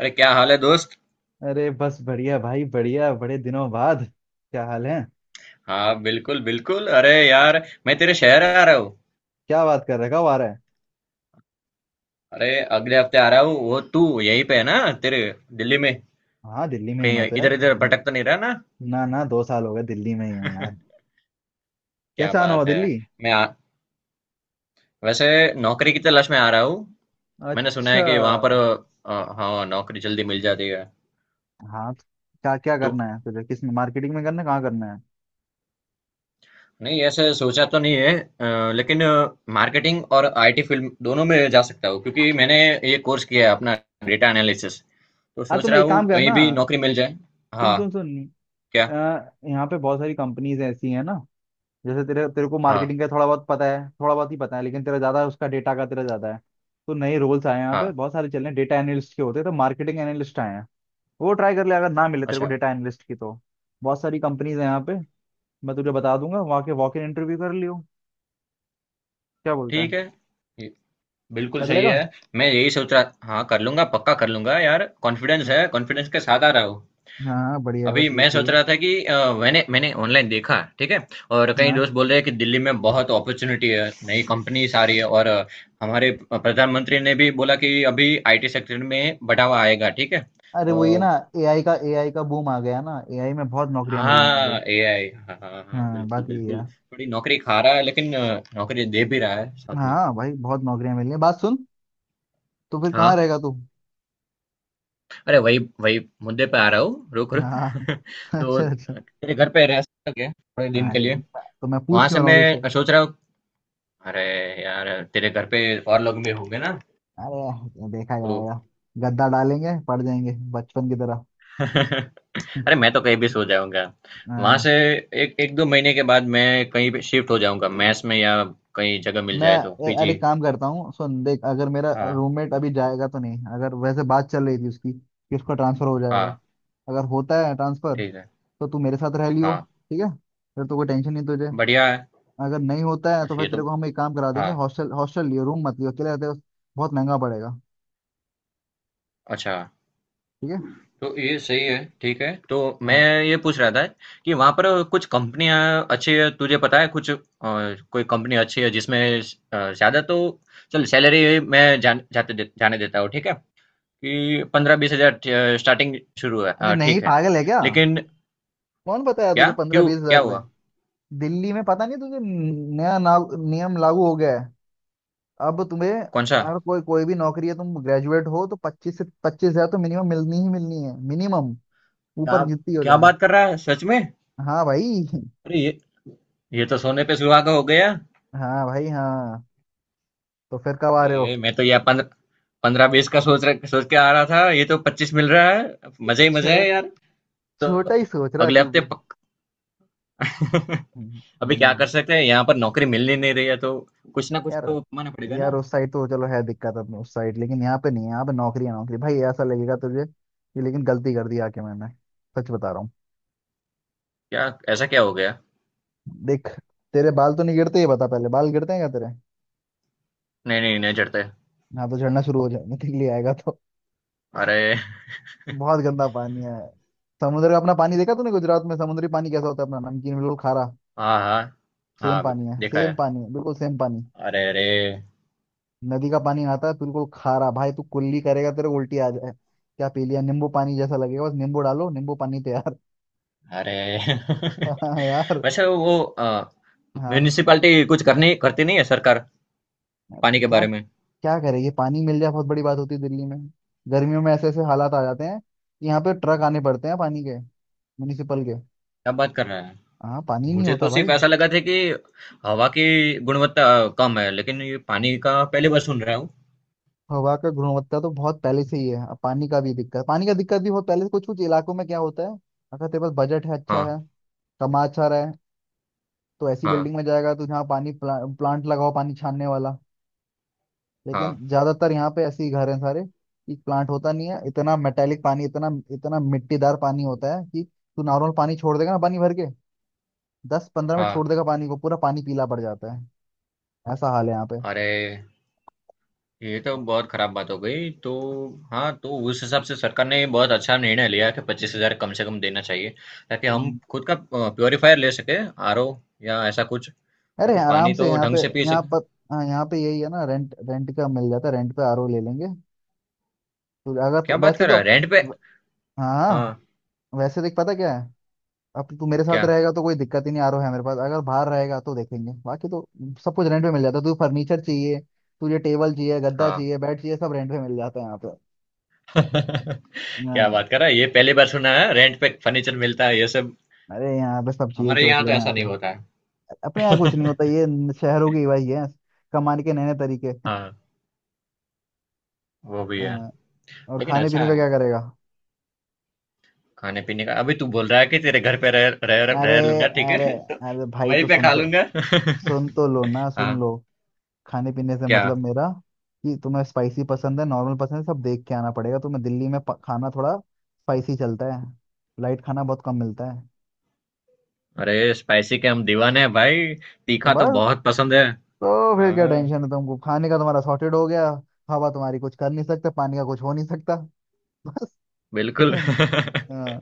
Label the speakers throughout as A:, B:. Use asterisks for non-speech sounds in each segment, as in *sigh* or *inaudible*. A: अरे, क्या हाल है दोस्त?
B: अरे बस बढ़िया भाई बढ़िया बड़े दिनों बाद। क्या हाल है?
A: हाँ, बिल्कुल बिल्कुल, अरे यार, मैं तेरे शहर आ रहा हूँ।
B: क्या बात? कर रखा हुआ, आ रहा है?
A: अरे, अगले हफ्ते आ रहा हूँ। वो तू यहीं पे है ना? तेरे, दिल्ली में?
B: हाँ, दिल्ली में हूँ मैं
A: कहीं
B: तो यार,
A: इधर इधर भटक तो नहीं रहा ना?
B: ना ना, 2 साल हो गए, दिल्ली में ही हूँ यार।
A: क्या
B: कैसा आना हुआ
A: बात है।
B: दिल्ली?
A: मैं वैसे नौकरी की तलाश में आ रहा हूँ। मैंने सुना
B: अच्छा।
A: है कि वहां पर हाँ, नौकरी जल्दी मिल जाती है।
B: हाँ तो क्या क्या
A: तो
B: करना है तुझे? किस में, मार्केटिंग में करना है? कहाँ करना है?
A: नहीं, ऐसे सोचा तो नहीं है, लेकिन मार्केटिंग और आईटी फील्ड दोनों में जा सकता हूँ, क्योंकि मैंने ये कोर्स किया है अपना, डेटा एनालिसिस। तो
B: हाँ,
A: सोच
B: तुम
A: रहा
B: एक
A: हूँ
B: काम
A: कहीं
B: करना।
A: भी नौकरी मिल जाए।
B: सुन
A: हाँ।
B: सुन सुन। अ,
A: क्या?
B: यहाँ पे बहुत सारी कंपनीज ऐसी हैं ना, जैसे तेरे तेरे को
A: हाँ,
B: मार्केटिंग का थोड़ा बहुत पता है, थोड़ा बहुत ही पता है, लेकिन तेरा ज्यादा उसका, डेटा का तेरा ज्यादा है। तो नए रोल्स आए हैं यहाँ पे,
A: हाँ,
B: बहुत सारे चल रहे हैं, डेटा एनालिस्ट के होते हैं, तो मार्केटिंग एनालिस्ट आए हैं। वो ट्राई कर ले, अगर ना मिले तेरे को
A: अच्छा,
B: डेटा एनालिस्ट की तो। बहुत सारी कंपनीज है यहाँ पे, मैं तुझे बता दूंगा, वहाँ के वॉक इन इंटरव्यू कर लियो। क्या बोलता है?
A: ठीक है। ये बिल्कुल
B: कर
A: सही
B: लेगा?
A: है। मैं यही सोच रहा, हाँ, कर लूँगा, पक्का कर लूँगा यार। कॉन्फिडेंस
B: हाँ।
A: है, कॉन्फिडेंस के साथ आ रहा हूँ।
B: हाँ, बढ़िया है, बस
A: अभी
B: यही
A: मैं सोच
B: चाहिए।
A: रहा था कि मैंने मैंने ऑनलाइन देखा, ठीक है? और कई
B: हाँ।
A: दोस्त बोल रहे हैं कि दिल्ली में बहुत अपॉर्चुनिटी है, नई कंपनीज आ रही है, और हमारे प्रधानमंत्री ने भी बोला कि अभी आईटी सेक्टर में बढ़ावा आएगा, ठीक है?
B: अरे वो ये
A: और
B: ना, एआई का बूम आ गया ना, एआई में बहुत नौकरियां मिल रही हैं, ये।
A: हाँ, एआई, हाँ हाँ हाँ,
B: हाँ,
A: बिल्कुल
B: बात यही
A: बिल्कुल।
B: है।
A: थोड़ी नौकरी खा रहा है, लेकिन नौकरी दे भी रहा है साथ में।
B: हाँ भाई, बहुत नौकरियां मिल रही हैं। बात सुन, तो फिर कहाँ
A: हाँ।
B: रहेगा तू?
A: अरे वही वही मुद्दे पे आ रहा हूँ, रुक रुक।
B: हाँ। *laughs*
A: *laughs* तो,
B: अच्छा अच्छा।
A: तेरे घर पे रह सकता क्या थोड़े दिन के
B: अरे,
A: लिए?
B: तो मैं पूछ
A: वहां
B: क्यों
A: से
B: रहा हूँ तुझसे?
A: मैं सोच रहा हूँ, अरे यार, तेरे घर पे और लोग भी होंगे ना?
B: अरे देखा
A: तो
B: जाएगा, गद्दा डालेंगे, पड़ जाएंगे बचपन की तरह।
A: *laughs* अरे,
B: *laughs*
A: मैं तो कहीं भी सो जाऊंगा। वहां से
B: हाँ।
A: एक एक दो महीने के बाद मैं कहीं पे शिफ्ट हो जाऊंगा, मैस में, या कहीं जगह मिल
B: मैं
A: जाए तो पीजी।
B: अरे, काम करता हूँ, सुन देख, अगर मेरा
A: हाँ
B: रूममेट अभी जाएगा तो, नहीं अगर, वैसे बात चल रही थी उसकी कि उसका ट्रांसफर हो जाएगा।
A: हाँ,
B: अगर होता है ट्रांसफर,
A: ठीक है।
B: तो तू मेरे साथ रह लियो,
A: हाँ,
B: ठीक है? फिर तो कोई टेंशन नहीं तुझे।
A: बढ़िया है।
B: अगर नहीं होता है, तो
A: अच्छा,
B: फिर
A: ये तो,
B: तेरे को हम एक काम करा
A: हाँ,
B: देंगे, हॉस्टल हॉस्टल लियो, रूम मत लियो अकेले रहते हो, बहुत महंगा पड़ेगा।
A: अच्छा।
B: ठीक है।
A: तो ये सही है, ठीक है। तो
B: हाँ।
A: मैं ये पूछ रहा था कि वहाँ पर कुछ कंपनियाँ अच्छी है, तुझे पता है कुछ कोई कंपनी अच्छी है जिसमें ज़्यादा तो चल, सैलरी मैं जाने देता हूँ, ठीक है? कि 15-20 हजार स्टार्टिंग शुरू है,
B: अरे नहीं,
A: ठीक है।
B: पागल है क्या?
A: लेकिन
B: कौन बताया
A: क्या?
B: तुझे पंद्रह
A: क्यों?
B: बीस हजार
A: क्या
B: रुपए?
A: हुआ?
B: दिल्ली में पता नहीं तुझे, नियम लागू हो गया। अब तुम्हें
A: कौन सा?
B: अगर कोई, कोई भी नौकरी है, तुम ग्रेजुएट हो, तो 25 से 25 हज़ार तो मिनिमम मिलनी ही मिलनी है, मिनिमम।
A: क्या?
B: ऊपर जितनी हो
A: क्या
B: जाए।
A: बात कर रहा है, सच में?
B: हाँ भाई।
A: अरे ये तो सोने पे सुहागा हो गया।
B: हाँ भाई। हाँ, तो फिर कब आ रहे हो?
A: अरे मैं तो यार, पंद्रह पंद्रह बीस का सोच रहा, सोच के आ रहा था, ये तो 25 मिल रहा है। मजे ही मजे है
B: छोट
A: यार। तो
B: छोटा ही सोच रहा है
A: अगले
B: तू
A: हफ्ते
B: भी।
A: पक *laughs*
B: हम्म,
A: अभी क्या
B: हम्म।
A: कर सकते हैं? यहाँ पर नौकरी मिल ही नहीं रही है तो कुछ ना कुछ
B: यार,
A: तो कमाना पड़ेगा
B: यार
A: ना।
B: उस साइड तो चलो है दिक्कत, अपने उस साइड। लेकिन यहाँ पे नहीं है, यहाँ पे नौकरी है, नौकरी भाई। ऐसा लगेगा तुझे कि लेकिन गलती कर दी आके मैंने। सच बता रहा हूँ।
A: क्या? ऐसा क्या हो गया?
B: देख, तेरे बाल तो नहीं गिरते? ये बता पहले, बाल गिरते हैं क्या तेरे?
A: नहीं नहीं नहीं चढ़ते।
B: हाँ, तो झड़ना शुरू हो जाएगा, निकल ही आएगा तो।
A: अरे
B: बहुत गंदा पानी है। समुद्र का अपना पानी देखा तूने गुजरात में? समुद्री पानी कैसा होता है अपना, नमकीन, बिल्कुल खारा।
A: हाँ हाँ
B: सेम
A: हाँ,
B: पानी है,
A: देखा है,
B: सेम पानी है, बिल्कुल सेम पानी।
A: अरे अरे
B: नदी का पानी आता है बिल्कुल खारा भाई। तू कुल्ली करेगा तेरे को उल्टी आ जाए, क्या पी लिया? नींबू पानी जैसा लगेगा। बस नींबू डालो, नींबू पानी तैयार।
A: अरे।
B: *laughs* हाँ यार।
A: *laughs* वैसे वो
B: हाँ।
A: म्यूनिसिपैलिटी कुछ करनी, करती नहीं है सरकार पानी के
B: क्या?
A: बारे में?
B: क्या करें? ये पानी मिल जाए बहुत बड़ी बात होती है दिल्ली में। गर्मियों में ऐसे ऐसे हालात आ जाते हैं कि यहाँ पे ट्रक आने पड़ते हैं पानी के, म्यूनिसिपल के।
A: क्या बात कर रहा है?
B: हाँ, पानी नहीं
A: मुझे
B: होता
A: तो
B: भाई।
A: सिर्फ ऐसा लगा था कि हवा की गुणवत्ता कम है, लेकिन ये पानी का पहली बार सुन रहा हूँ।
B: हवा का गुणवत्ता तो बहुत पहले से ही है, अब पानी का भी दिक्कत, पानी का दिक्कत भी बहुत पहले से। कुछ कुछ इलाकों में क्या होता है, अगर तेरे पास बजट है, अच्छा
A: हाँ
B: है, कमा अच्छा रहा है, तो ऐसी
A: हाँ
B: बिल्डिंग में जाएगा तो जहाँ पानी प्लांट लगाओ, पानी छानने वाला। लेकिन
A: हाँ
B: ज्यादातर यहाँ पे ऐसे ही घर हैं सारे कि प्लांट होता नहीं है। इतना मेटेलिक पानी, इतना, इतना मिट्टीदार पानी होता है कि तू नॉर्मल पानी छोड़ देगा ना, पानी भर के 10 15 मिनट छोड़
A: हाँ।
B: देगा पानी को, पूरा पानी पीला पड़ जाता है। ऐसा हाल है यहाँ
A: अरे, ये तो बहुत खराब बात हो गई। तो हाँ, तो उस हिसाब से सरकार ने बहुत अच्छा निर्णय लिया कि 25 हजार कम से कम देना चाहिए, ताकि हम
B: पे।
A: खुद का प्योरीफायर ले सके, आरओ, या ऐसा कुछ,
B: अरे
A: ताकि
B: आराम
A: पानी
B: से
A: तो
B: यहाँ
A: ढंग
B: पे,
A: से पी
B: यहाँ
A: सके।
B: पर। हाँ, यहाँ पे यही है ना, रेंट, रेंट का मिल जाता है, रेंट पे आरओ ले लेंगे। तो अगर
A: क्या
B: तू,
A: बात
B: वैसे
A: कर रहा
B: तो,
A: है, रेंट पे?
B: व- हाँ।
A: हाँ।
B: वैसे देख, पता क्या है, अब तू मेरे साथ
A: क्या?
B: रहेगा तो कोई दिक्कत ही नहीं, आरओ है मेरे पास। अगर बाहर रहेगा तो देखेंगे। बाकी तो सब कुछ रेंट पे मिल जाता है। तुझे फर्नीचर चाहिए, तुझे टेबल चाहिए, गद्दा
A: हाँ।
B: चाहिए, बेड चाहिए, सब रेंट पे मिल जाता है यहाँ पे।
A: *laughs* क्या
B: हाँ।
A: बात कर रहा है, ये पहली बार सुना है रेंट पे फर्नीचर मिलता है ये सब।
B: अरे यहाँ पे सब चाहिए,
A: हमारे
B: सोच
A: यहाँ
B: ले
A: तो
B: यहाँ
A: ऐसा नहीं
B: पे।
A: होता है।
B: अपने यहाँ कुछ नहीं होता ये। शहरों की वही है, कमाने के नए नए तरीके।
A: हाँ, वो भी है,
B: हाँ। और
A: लेकिन
B: खाने
A: अच्छा
B: पीने का
A: है।
B: क्या करेगा?
A: खाने पीने का अभी तू बोल रहा है कि तेरे घर पे रह रह
B: अरे।
A: रह लूंगा, ठीक
B: अरे।
A: है। *laughs* तो
B: अरे भाई
A: वहीं
B: तो
A: पे
B: सुन
A: खा
B: तो,
A: लूंगा।
B: सुन तो लो ना, सुन
A: हाँ।
B: लो। खाने पीने से
A: क्या?
B: मतलब मेरा कि तुम्हें स्पाइसी पसंद है, नॉर्मल पसंद है, सब देख के आना पड़ेगा तुम्हें। दिल्ली में खाना थोड़ा स्पाइसी चलता है, लाइट खाना बहुत कम मिलता है।
A: अरे, स्पाइसी के हम दीवाने हैं भाई,
B: तो
A: तीखा तो
B: बस,
A: बहुत पसंद है।
B: तो फिर क्या
A: हाँ,
B: टेंशन है तुमको खाने का? तुम्हारा सॉर्टेड हो गया। हवा तुम्हारी कुछ कर नहीं सकते, पानी का कुछ हो नहीं सकता।
A: बिल्कुल।
B: *laughs* हाँ।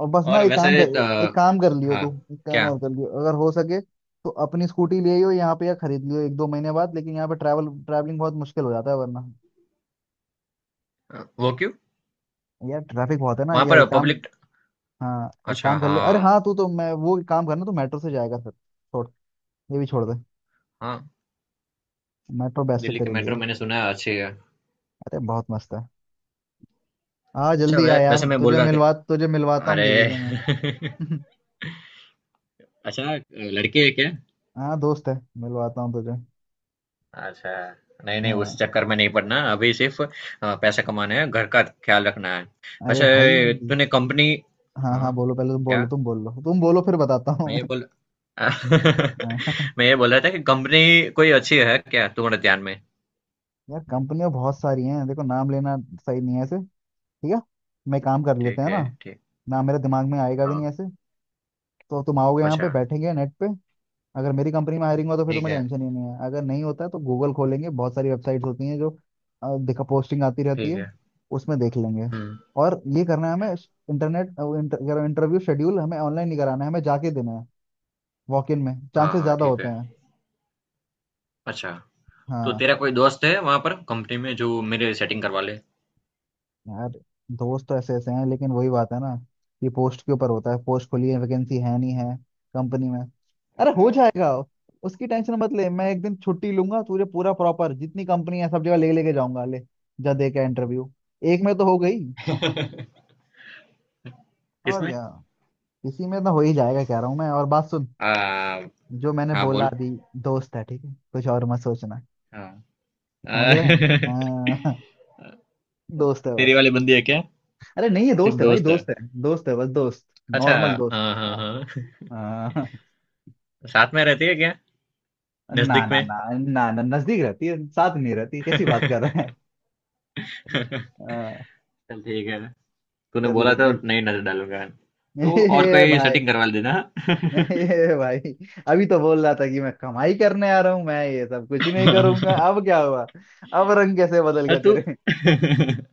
B: और बस ना,
A: और
B: एक काम
A: वैसे
B: कर,
A: तो,
B: एक काम कर लियो
A: हाँ।
B: तू, एक काम
A: क्या?
B: और कर लियो अगर हो सके तो, अपनी स्कूटी ले आइयो यहाँ पे, या खरीद लियो 1 2 महीने बाद, लेकिन यहाँ पे ट्रैवलिंग बहुत मुश्किल हो जाता है वरना।
A: वो क्यों?
B: यार ट्रैफिक बहुत है ना।
A: वहां
B: या
A: पर
B: एक काम,
A: पब्लिक।
B: हाँ एक
A: अच्छा,
B: काम कर
A: हाँ
B: ले, अरे हाँ तू तो, मैं वो, एक काम करना, तू मेट्रो से जाएगा, फिर छोड़, ये भी छोड़ दे,
A: हाँ।
B: मेट्रो बेस्ट है
A: दिल्ली की
B: तेरे
A: मेट्रो
B: लिए।
A: मैंने सुना है अच्छी है।
B: अरे बहुत मस्त है। हाँ,
A: अच्छा,
B: जल्दी आ यार,
A: वैसे मैं बोल रहा
B: तुझे मिलवाता
A: था,
B: हूँ किसी से मैं।
A: अरे। *laughs*
B: *laughs*
A: अच्छा, लड़की है क्या?
B: हाँ, दोस्त है, मिलवाता हूँ तुझे।
A: अच्छा, नहीं नहीं, उस
B: हाँ।
A: चक्कर में नहीं पड़ना अभी, सिर्फ पैसा कमाना है, घर का ख्याल रखना है।
B: अरे भाई।
A: वैसे तूने कंपनी?
B: हाँ हाँ,
A: हाँ।
B: बोलो पहले, तुम
A: क्या?
B: बोलो, तुम बोलो, तुम बोलो, फिर बताता हूँ
A: मैं ये
B: मैं।
A: बोल। *laughs*
B: हाँ।
A: मैं ये बोल रहा था कि कंपनी कोई अच्छी है क्या तुम्हारे ध्यान में?
B: यार कंपनियां बहुत सारी हैं, देखो नाम लेना सही नहीं है ऐसे। ठीक है? मैं काम कर लेते
A: ठीक
B: हैं
A: है,
B: ना,
A: ठीक।
B: नाम मेरे दिमाग में आएगा भी नहीं
A: हाँ,
B: ऐसे। तो तुम आओगे, यहाँ पे
A: अच्छा,
B: बैठेंगे नेट पे, अगर मेरी कंपनी में हायरिंग हो तो फिर
A: ठीक
B: तुम्हें
A: है।
B: टेंशन ही नहीं है। अगर नहीं होता है तो गूगल खोलेंगे, बहुत सारी वेबसाइट्स होती हैं जो दिखा, पोस्टिंग आती रहती
A: ठीक
B: है,
A: है।
B: उसमें देख लेंगे।
A: हम्म।
B: और ये करना है हमें, इंटरनेट, इंटरव्यू शेड्यूल हमें ऑनलाइन नहीं कराना है, हमें जाके देना है, वॉक इन में
A: हाँ
B: चांसेस
A: हाँ,
B: ज्यादा
A: ठीक
B: होते
A: है।
B: हैं।
A: अच्छा, तो
B: हाँ।
A: तेरा कोई दोस्त है वहां पर कंपनी में जो मेरे सेटिंग करवा ले?
B: यार, दोस्त तो ऐसे ऐसे हैं, लेकिन वही बात है ना, कि पोस्ट के ऊपर होता है, पोस्ट खुली है, वैकेंसी है नहीं है कंपनी में। अरे
A: अच्छा,
B: हो जाएगा, उसकी टेंशन मत ले। मैं एक दिन छुट्टी लूंगा, तुझे पूरा प्रॉपर जितनी कंपनी है सब जगह ले लेके जाऊंगा, ले जा, दे के इंटरव्यू, एक में तो हो गई, और
A: किसमें?
B: क्या, इसी में तो हो ही जाएगा, कह रहा हूँ मैं। और बात सुन,
A: आ,
B: जो मैंने
A: हाँ,
B: बोला
A: बोल।
B: अभी, दोस्त है ठीक है? कुछ और मत सोचना।
A: हाँ,
B: समझ
A: आ,
B: रहे हैं।
A: *laughs*
B: हाँ। *laughs* दोस्त है
A: तेरी
B: बस।
A: वाली बंदी है क्या?
B: अरे नहीं है,
A: सिर्फ
B: दोस्त है भाई,
A: दोस्त है?
B: दोस्त है। दोस्त है बस, दोस्त,
A: अच्छा,
B: नॉर्मल दोस्त।
A: हाँ हाँ
B: हाँ।
A: हाँ।
B: हाँ।
A: साथ में रहती है क्या?
B: ना
A: नजदीक
B: ना
A: में।
B: ना ना ना, नजदीक रहती है, साथ नहीं रहती, कैसी बात कर रहे
A: *laughs*
B: हैं!
A: चल,
B: हाँ,
A: ठीक है। तूने
B: कर
A: बोला था
B: लेंगे।
A: नहीं नजर डालूंगा। तो
B: *laughs*
A: और
B: ए
A: कोई
B: भाई।
A: सेटिंग करवा देना।
B: ए भाई, अभी तो बोल रहा था कि मैं कमाई करने आ रहा हूँ, मैं ये सब कुछ नहीं करूंगा। अब क्या हुआ? अब रंग कैसे बदल
A: हाँ,
B: गया
A: तू
B: तेरे?
A: *laughs*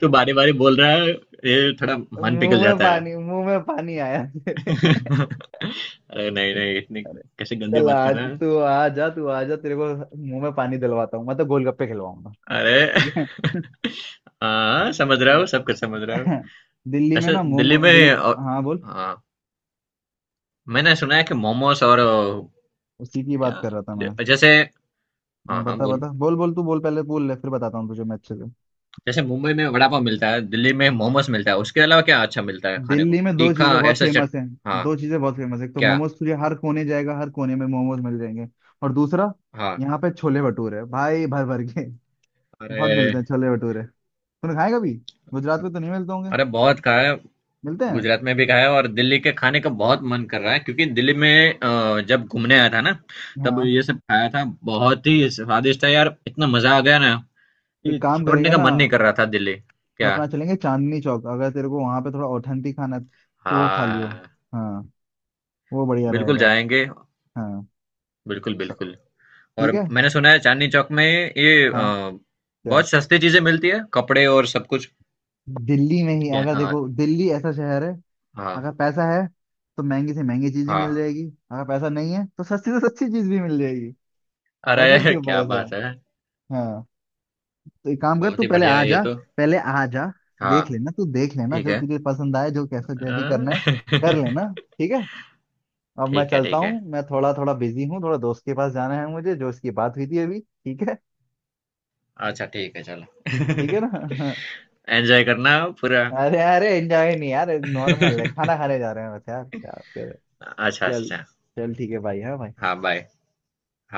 A: तू बारे बारे बोल रहा है, ये थोड़ा मन पिघल
B: मुंह में
A: जाता है।
B: पानी, मुंह में पानी आया तेरे?
A: *laughs* अरे नहीं नहीं, इतनी
B: अरे
A: कैसे गंदे
B: चल
A: बात कर
B: आज
A: रहा है?
B: तू आ जा, तू आ जा, तेरे को मुंह में पानी दिलवाता हूँ मैं, तो गोलगप्पे खिलवाऊंगा।
A: अरे
B: ठीक है?
A: हाँ, समझ रहा हूँ, सब कुछ समझ रहा हूँ।
B: दिल्ली में
A: ऐसे
B: ना
A: दिल्ली
B: मोमो,
A: में
B: दिल्ली।
A: और,
B: हाँ बोल।
A: हाँ, मैंने सुना है कि मोमोस और
B: उसी की बात कर रहा था
A: क्या,
B: मैं।
A: जैसे,
B: हाँ
A: हाँ हाँ
B: बता
A: बोल।
B: बता, बोल बोल, तू बोल पहले, बोल ले, फिर बताता हूँ तुझे मैं अच्छे से।
A: जैसे मुंबई में वड़ा पाव मिलता है, दिल्ली में मोमोस मिलता है, उसके अलावा क्या अच्छा मिलता है खाने
B: दिल्ली
A: को,
B: में दो
A: तीखा
B: चीजें बहुत
A: ऐसा चट?
B: फेमस हैं,
A: हाँ।
B: दो चीजें बहुत फेमस है, एक तो
A: क्या?
B: मोमोज, तुझे हर कोने जाएगा, हर कोने में मोमोज मिल जाएंगे। और दूसरा
A: हाँ,
B: यहाँ पे छोले भटूरे भाई, भर भर के बहुत
A: अरे
B: मिलते हैं छोले भटूरे। तूने खाए कभी? गुजरात में तो नहीं मिलते होंगे।
A: अरे, बहुत खाया।
B: मिलते हैं?
A: गुजरात में भी खाया, और दिल्ली के खाने का बहुत मन कर रहा है, क्योंकि दिल्ली में जब घूमने आया था ना, तब
B: हाँ।
A: ये सब खाया था। बहुत ही स्वादिष्ट है यार, इतना मजा आ गया ना कि
B: एक काम
A: छोड़ने
B: करेंगे
A: का
B: ना,
A: मन नहीं कर रहा था दिल्ली। क्या?
B: अपना चलेंगे चांदनी चौक, अगर तेरे को वहां पे थोड़ा ऑथेंटिक खाना है, तो वो खा लियो।
A: हाँ,
B: हाँ। वो बढ़िया
A: बिल्कुल
B: रहेगा।
A: जाएंगे,
B: हाँ।
A: बिल्कुल
B: स-।
A: बिल्कुल।
B: ठीक
A: और
B: है।
A: मैंने सुना है चांदनी चौक में ये
B: हाँ। क्या?
A: बहुत सस्ती चीजें मिलती है, कपड़े और सब कुछ।
B: दिल्ली में ही
A: क्या-
B: अगर
A: अ,
B: देखो, दिल्ली ऐसा शहर है,
A: हाँ
B: अगर पैसा है तो महंगी से महंगी चीज भी मिल
A: हाँ।
B: जाएगी, अगर पैसा नहीं है तो सस्ती से सस्ती चीज भी मिल जाएगी। बजट
A: अरे।
B: के
A: *laughs*
B: ऊपर
A: क्या
B: है
A: बात है,
B: सर। हाँ, तो एक काम कर,
A: बहुत
B: तू
A: ही
B: पहले
A: बढ़िया
B: आ
A: है ये
B: जा,
A: तो।
B: पहले आ जा,
A: हाँ,
B: देख लेना तू, देख लेना
A: ठीक
B: जो
A: है,
B: तुझे पसंद आए, जो कैसे जो भी
A: अ,
B: करना है, कर
A: *laughs*
B: लेना। ठीक है? अब मैं
A: ठीक है,
B: चलता
A: ठीक है।
B: हूँ, मैं थोड़ा, थोड़ा बिजी हूँ, थोड़ा दोस्त के पास जाना है मुझे, जो उसकी बात हुई थी अभी। ठीक है?
A: अच्छा, ठीक है,
B: ठीक है
A: चलो। *laughs*
B: ना?
A: एन्जॉय करना पूरा।
B: *laughs* अरे अरे, एंजॉय नहीं यार,
A: *laughs*
B: नॉर्मल है, खाना खाने जा रहे हैं बस यार, क्या।
A: अच्छा,
B: चल,
A: अच्छा।
B: चल ठीक है भाई। हाँ भाई।
A: हाँ, बाय। हाँ।